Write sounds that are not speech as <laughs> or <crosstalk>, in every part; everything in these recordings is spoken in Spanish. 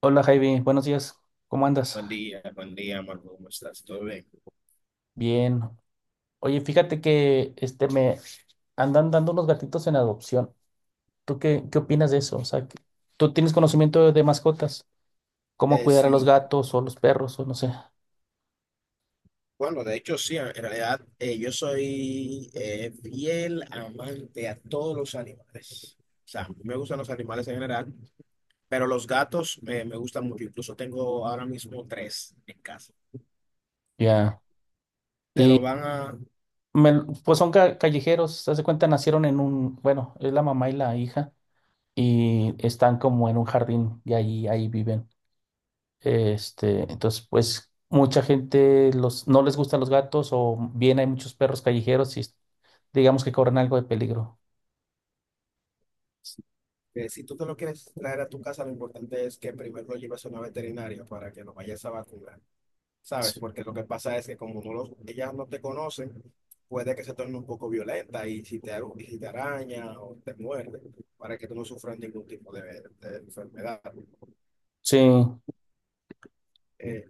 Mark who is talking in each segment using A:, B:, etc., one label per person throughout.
A: Hola Javi, buenos días, ¿cómo andas?
B: Buen día, Marco, ¿cómo estás? ¿Todo bien?
A: Bien. Oye, fíjate que me andan dando unos gatitos en adopción. ¿Tú qué opinas de eso? O sea, ¿tú tienes conocimiento de mascotas? ¿Cómo
B: Eh,
A: cuidar a los
B: sí,
A: gatos o los perros o no sé?
B: bueno, de hecho sí, en realidad yo soy fiel amante a todos los animales. O sea, me gustan los animales en general, pero los gatos me gustan mucho. Incluso tengo ahora mismo 3 en casa.
A: Ya.
B: Te
A: Y
B: lo van a...
A: pues son callejeros, se hace cuenta, nacieron en bueno, es la mamá y la hija y están como en un jardín y ahí viven. Entonces, pues mucha gente no les gustan los gatos o bien hay muchos perros callejeros y digamos que corren algo de peligro.
B: Si tú te lo quieres traer a tu casa, lo importante es que primero lo lleves a una veterinaria para que lo vayas a vacunar. ¿Sabes?
A: Sí,
B: Porque lo que pasa es que como no los, ellas no te conocen, puede que se torne un poco violenta y si te, y si te araña o te muerde, para que tú no sufras ningún tipo de enfermedad.
A: sí,
B: Eh,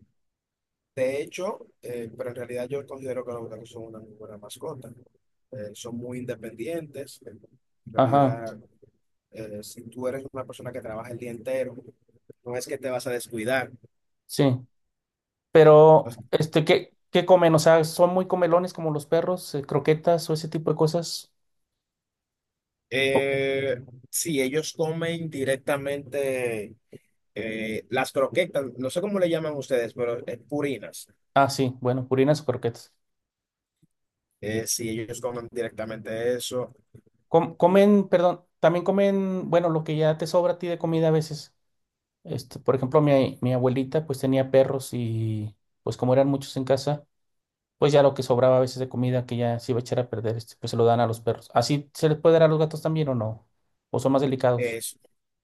B: de hecho, pero en realidad yo considero que los gatos son una muy buena mascota. Son muy independientes. En
A: ajá,
B: realidad, si tú eres una persona que trabaja el día entero, no es que te vas a descuidar.
A: sí. Pero,
B: Entonces,
A: ¿qué comen? O sea, ¿son muy comelones como los perros? ¿Croquetas o ese tipo de cosas? O-
B: eh, si ellos comen directamente las croquetas, no sé cómo le llaman ustedes, pero es purinas.
A: ah, sí, bueno, purinas o croquetas.
B: Si ellos comen directamente eso,
A: Comen, perdón, también comen, bueno, lo que ya te sobra a ti de comida a veces. Por ejemplo, mi abuelita pues tenía perros y pues como eran muchos en casa, pues ya lo que sobraba a veces de comida que ya se iba a echar a perder, pues se lo dan a los perros. ¿Así se les puede dar a los gatos también o no? ¿O son más delicados?
B: es,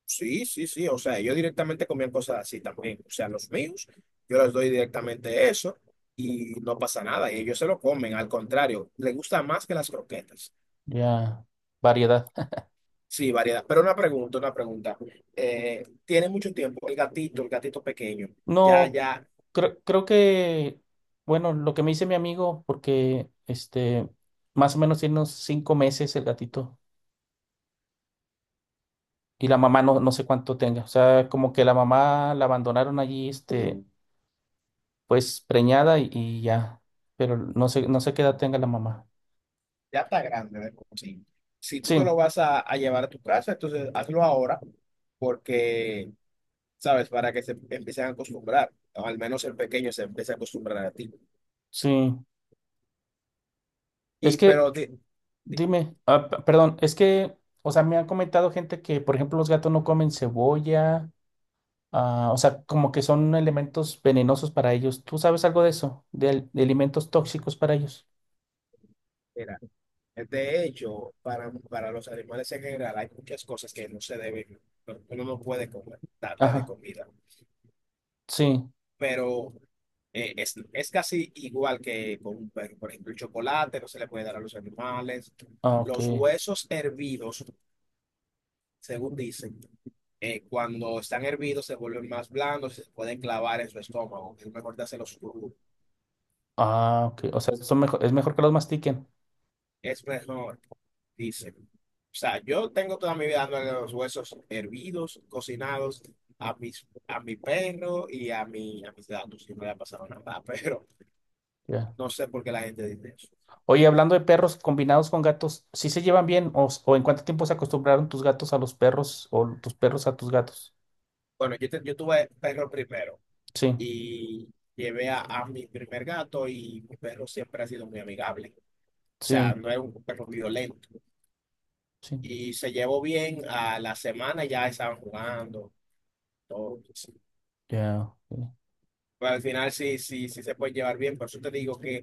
B: sí, sí, sí, o sea, ellos directamente comían cosas así también. O sea, los míos, yo les doy directamente eso y no pasa nada. Y ellos se lo comen, al contrario, les gusta más que las croquetas.
A: Ya, variedad. <laughs>
B: Sí, variedad. Pero una pregunta, una pregunta. Tiene mucho tiempo el gatito pequeño. Ya,
A: No,
B: ya
A: creo que, bueno, lo que me dice mi amigo, porque más o menos tiene unos 5 meses el gatito y la mamá no, no sé cuánto tenga. O sea, como que la mamá la abandonaron allí, pues preñada y ya, pero no sé qué edad tenga la mamá.
B: ya está grande de por sí. Si tú
A: Sí,
B: te lo vas a llevar a tu casa, entonces hazlo ahora porque, ¿sabes? Para que se empiecen a acostumbrar, o al menos el pequeño se empiece a acostumbrar a ti.
A: sí. Es
B: Y
A: que,
B: pero, di-
A: dime, perdón, es que, o sea, me han comentado gente que, por ejemplo, los gatos no comen cebolla. Ah, o sea, como que son elementos venenosos para ellos. ¿Tú sabes algo de eso? De alimentos tóxicos para ellos.
B: mira, de hecho, para los animales en general hay muchas cosas que no se deben, no- uno no puede comer, darle de
A: Ajá,
B: comida,
A: sí.
B: pero es casi igual que con un perro. Por ejemplo, el chocolate no se le puede dar a los animales.
A: Ah, ok.
B: Los huesos hervidos, según dicen, cuando están hervidos se vuelven más blandos, se pueden clavar en su estómago. Es mejor dárselos crudos.
A: Ah, ok. O sea, es mejor que los mastiquen.
B: Es mejor. Dice, o sea, yo tengo toda mi vida dándole los huesos hervidos, cocinados a mis, a mi perro y a, mi, a mis gatos. Y no le ha pasado nada, <laughs> pero
A: Ya.
B: no sé por qué la gente dice eso.
A: Oye, hablando de perros combinados con gatos, ¿sí se llevan bien? ¿O en cuánto tiempo se acostumbraron tus gatos a los perros o tus perros a tus gatos?
B: Bueno, yo, yo tuve perro primero
A: Sí,
B: y llevé a mi primer gato y mi perro siempre ha sido muy amigable. O sea,
A: sí,
B: no es un perro violento.
A: sí.
B: Y se llevó bien, a la semana ya estaban jugando, todo. Pues, sí.
A: Ya, ok,
B: Pero al final sí, sí, sí se puede llevar bien, por eso te digo que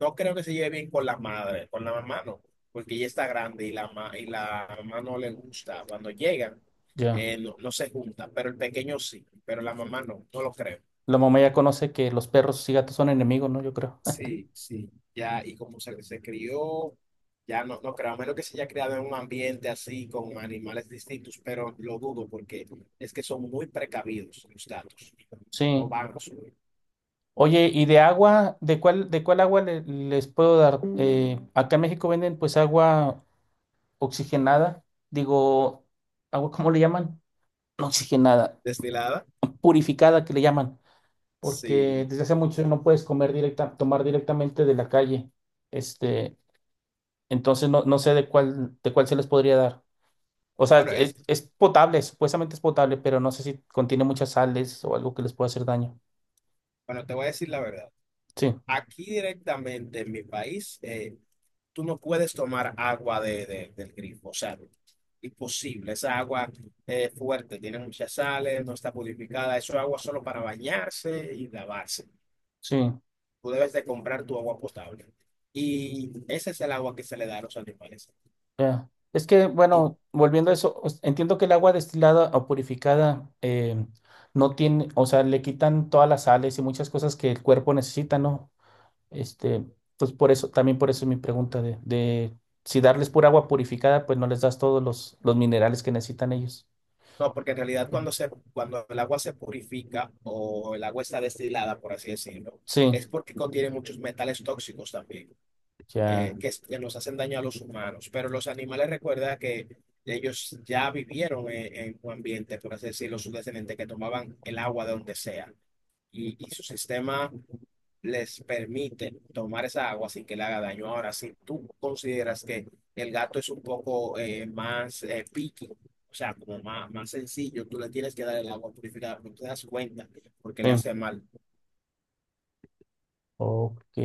B: no creo que se lleve bien con la madre, con la mamá no, porque ella está grande y la, y la mamá no le gusta. Cuando llegan,
A: ya.
B: no, no se juntan, pero el pequeño sí, pero la mamá no, no lo creo.
A: La mamá ya conoce que los perros y gatos son enemigos, ¿no? Yo creo. <laughs>
B: Sí, sí, ya, y como se crió, ya no, no creo, a menos que se haya criado en un ambiente así, con animales distintos, pero lo dudo porque es que son muy precavidos los gatos, no
A: Sí.
B: van a su
A: Oye, ¿y de agua? ¿De cuál agua les puedo dar? Acá en México venden pues agua oxigenada, digo, agua, ¿cómo le llaman? No oxigenada,
B: destilada.
A: purificada que le llaman, porque
B: Sí,
A: desde hace mucho no puedes comer directa, tomar directamente de la calle. Este, entonces no sé de cuál se les podría dar. O sea,
B: bueno,
A: es,
B: es,
A: es potable, supuestamente es potable, pero no sé si contiene muchas sales o algo que les pueda hacer daño.
B: bueno, te voy a decir la verdad.
A: Sí,
B: Aquí directamente en mi país, tú no puedes tomar agua de, del grifo, o sea, imposible. Esa agua es fuerte, tiene muchas sales, no está purificada. Eso es agua solo para bañarse y lavarse.
A: sí.
B: Tú debes de comprar tu agua potable. Y ese es el agua que se le da a los animales.
A: Ya. Es que,
B: Y-
A: bueno, volviendo a eso, entiendo que el agua destilada o purificada no tiene, o sea, le quitan todas las sales y muchas cosas que el cuerpo necesita, ¿no? Este, pues por eso, también por eso es mi pregunta de si darles pura agua purificada, pues no les das todos los minerales que necesitan ellos.
B: no, porque en realidad
A: Mm.
B: cuando, se, cuando el agua se purifica o el agua está destilada, por así decirlo,
A: Sí,
B: es porque contiene muchos metales tóxicos también.
A: ya,
B: Que nos hacen daño a los humanos. Pero los animales, recuerda que ellos ya vivieron en un ambiente, por así decirlo, sus descendientes que tomaban el agua de donde sea. Y su sistema les permite tomar esa agua sin que le haga daño. Ahora, si tú consideras que el gato es un poco más picky, o sea, como más, más sencillo, tú le tienes que dar el agua purificada, no te das cuenta porque le
A: sí,
B: hace mal.
A: ok.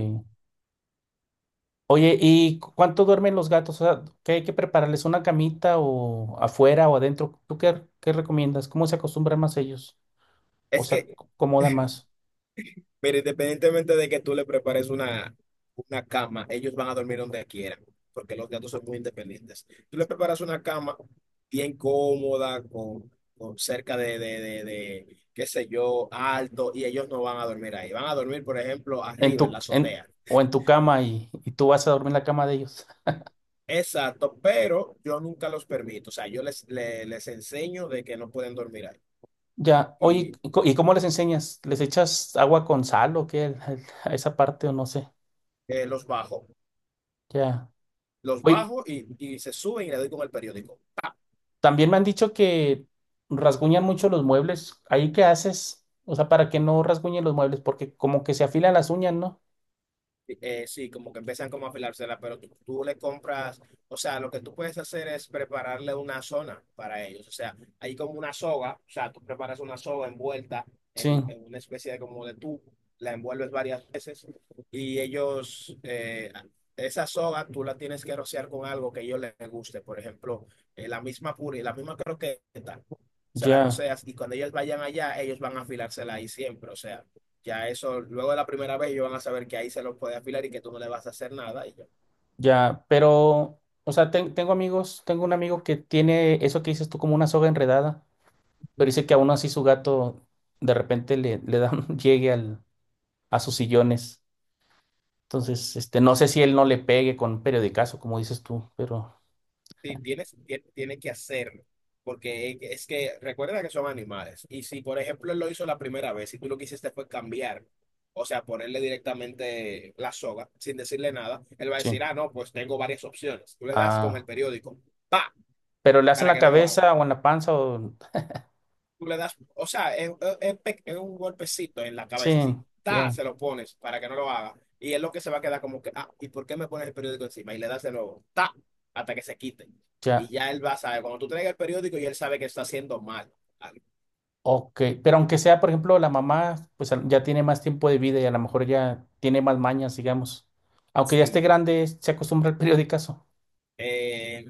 A: Oye, ¿y cuánto duermen los gatos? O sea, ¿qué hay que prepararles? ¿Una camita o afuera o adentro? ¿Tú qué recomiendas? ¿Cómo se acostumbran más ellos? O
B: Es
A: sea,
B: que
A: se acomodan más
B: mira, independientemente de que tú le prepares una cama, ellos van a dormir donde quieran, porque los gatos son muy independientes. Tú le preparas una cama bien cómoda, con cerca de, qué sé yo, alto, y ellos no van a dormir ahí. Van a dormir, por ejemplo,
A: en
B: arriba en
A: tu,
B: la
A: en,
B: azotea.
A: o en tu cama y tú vas a dormir en la cama de ellos.
B: Exacto, pero yo nunca los permito. O sea, yo enseño de que no pueden dormir ahí.
A: Ya, oye,
B: Y
A: ¿y cómo les enseñas? ¿Les echas agua con sal o qué? <laughs> A esa parte o no sé.
B: los bajo.
A: Ya.
B: Los
A: Oye,
B: bajo y se suben y le doy con el periódico.
A: también me han dicho que rasguñan mucho los muebles. ¿Ahí qué haces? O sea, para que no rasguñen los muebles, porque como que se afilan las uñas, ¿no?
B: Sí, como que empiezan como a afilársela, pero tú le compras, o sea, lo que tú puedes hacer es prepararle una zona para ellos, o sea, hay como una soga, o sea, tú preparas una soga envuelta
A: Sí,
B: en una especie de como de tubo, la envuelves varias veces y ellos, esa soga tú la tienes que rociar con algo que a ellos les guste, por ejemplo, la misma la misma croqueta, se la
A: ya,
B: roceas y cuando ellos vayan allá, ellos van a afilársela ahí siempre, o sea. Ya eso, luego de la primera vez, ellos van a saber que ahí se los puede afilar y que tú no le vas a hacer nada. Y yo,
A: ya. Pero, o sea, tengo amigos, tengo un amigo que tiene eso que dices tú como una soga enredada. Pero dice que aún así su gato de repente le da un <laughs> llegue a sus sillones. Entonces, no sé si él no le pegue con un periodicazo, como dices tú, pero
B: sí, tiene que hacerlo. Porque es que recuerda que son animales. Y si, por ejemplo, él lo hizo la primera vez y tú lo que hiciste fue cambiar, o sea, ponerle directamente la soga sin decirle nada, él va a
A: sí.
B: decir, ah, no, pues tengo varias opciones. Tú le das con el
A: Ah,
B: periódico, pa,
A: pero le hacen
B: para
A: la
B: que no lo haga.
A: cabeza o en la panza o...
B: Tú le das, o sea, es un golpecito en la
A: Sí,
B: cabeza, así, ta,
A: ya,
B: se lo pones para que no lo haga. Y es lo que se va a quedar como que, ah, ¿y por qué me pones el periódico encima? Y le das de nuevo, ta, hasta que se quite. Y
A: ya.
B: ya él va a saber, cuando tú traigas el periódico, y él sabe que está haciendo mal. Ah,
A: Ok, pero aunque sea, por ejemplo, la mamá, pues ya tiene más tiempo de vida y a lo mejor ya tiene más mañas, digamos. Aunque ya esté
B: sí.
A: grande, se acostumbra al periodicazo.
B: Eh,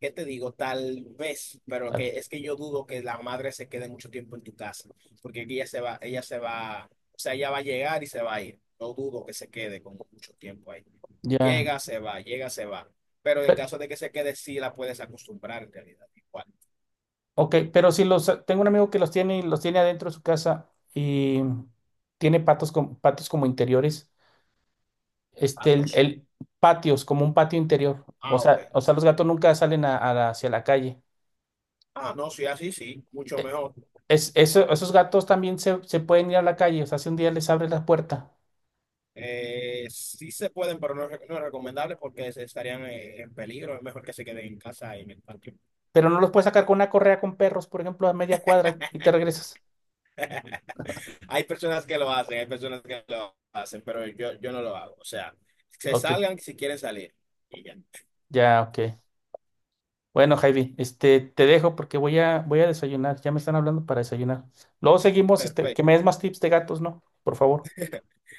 B: ¿Qué te digo? Tal vez, pero
A: Ah,
B: que es que yo dudo que la madre se quede mucho tiempo en tu casa, porque ella se va, o sea, ella va a llegar y se va a ir. No dudo que se quede como mucho tiempo ahí.
A: ya.
B: Llega, se va, llega, se va. Pero en
A: Pe-
B: caso de que se quede, sí la puedes acostumbrar en realidad. Igual.
A: Ok, pero si los, tengo un amigo que los tiene y los tiene adentro de su casa y tiene patios como interiores, este, el,
B: ¿Patos?
A: el- patios, como un patio interior. O
B: Ah, ok.
A: sea, o sea, los gatos nunca salen hacia la calle.
B: Ah, no, sí, así sí, mucho
A: E-
B: mejor.
A: esos gatos también se pueden ir a la calle, o sea, si un día les abres la puerta,
B: Sí se pueden, pero no es, no es recomendable porque se estarían en peligro. Es mejor que se queden en casa y en el patio.
A: pero no los puedes sacar con una correa con perros, por ejemplo, a media cuadra y te regresas.
B: Hay personas que lo hacen, hay personas que lo hacen, pero yo no lo hago. O sea, se
A: Ok,
B: salgan si quieren salir. Y ya.
A: ya, ok. Bueno, Javi, te dejo porque voy a desayunar. Ya me están hablando para desayunar. Luego seguimos, que
B: Perfecto.
A: me des más tips de gatos, ¿no? Por favor.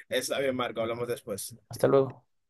B: Está bien, Marco. Hablamos después.
A: Hasta luego.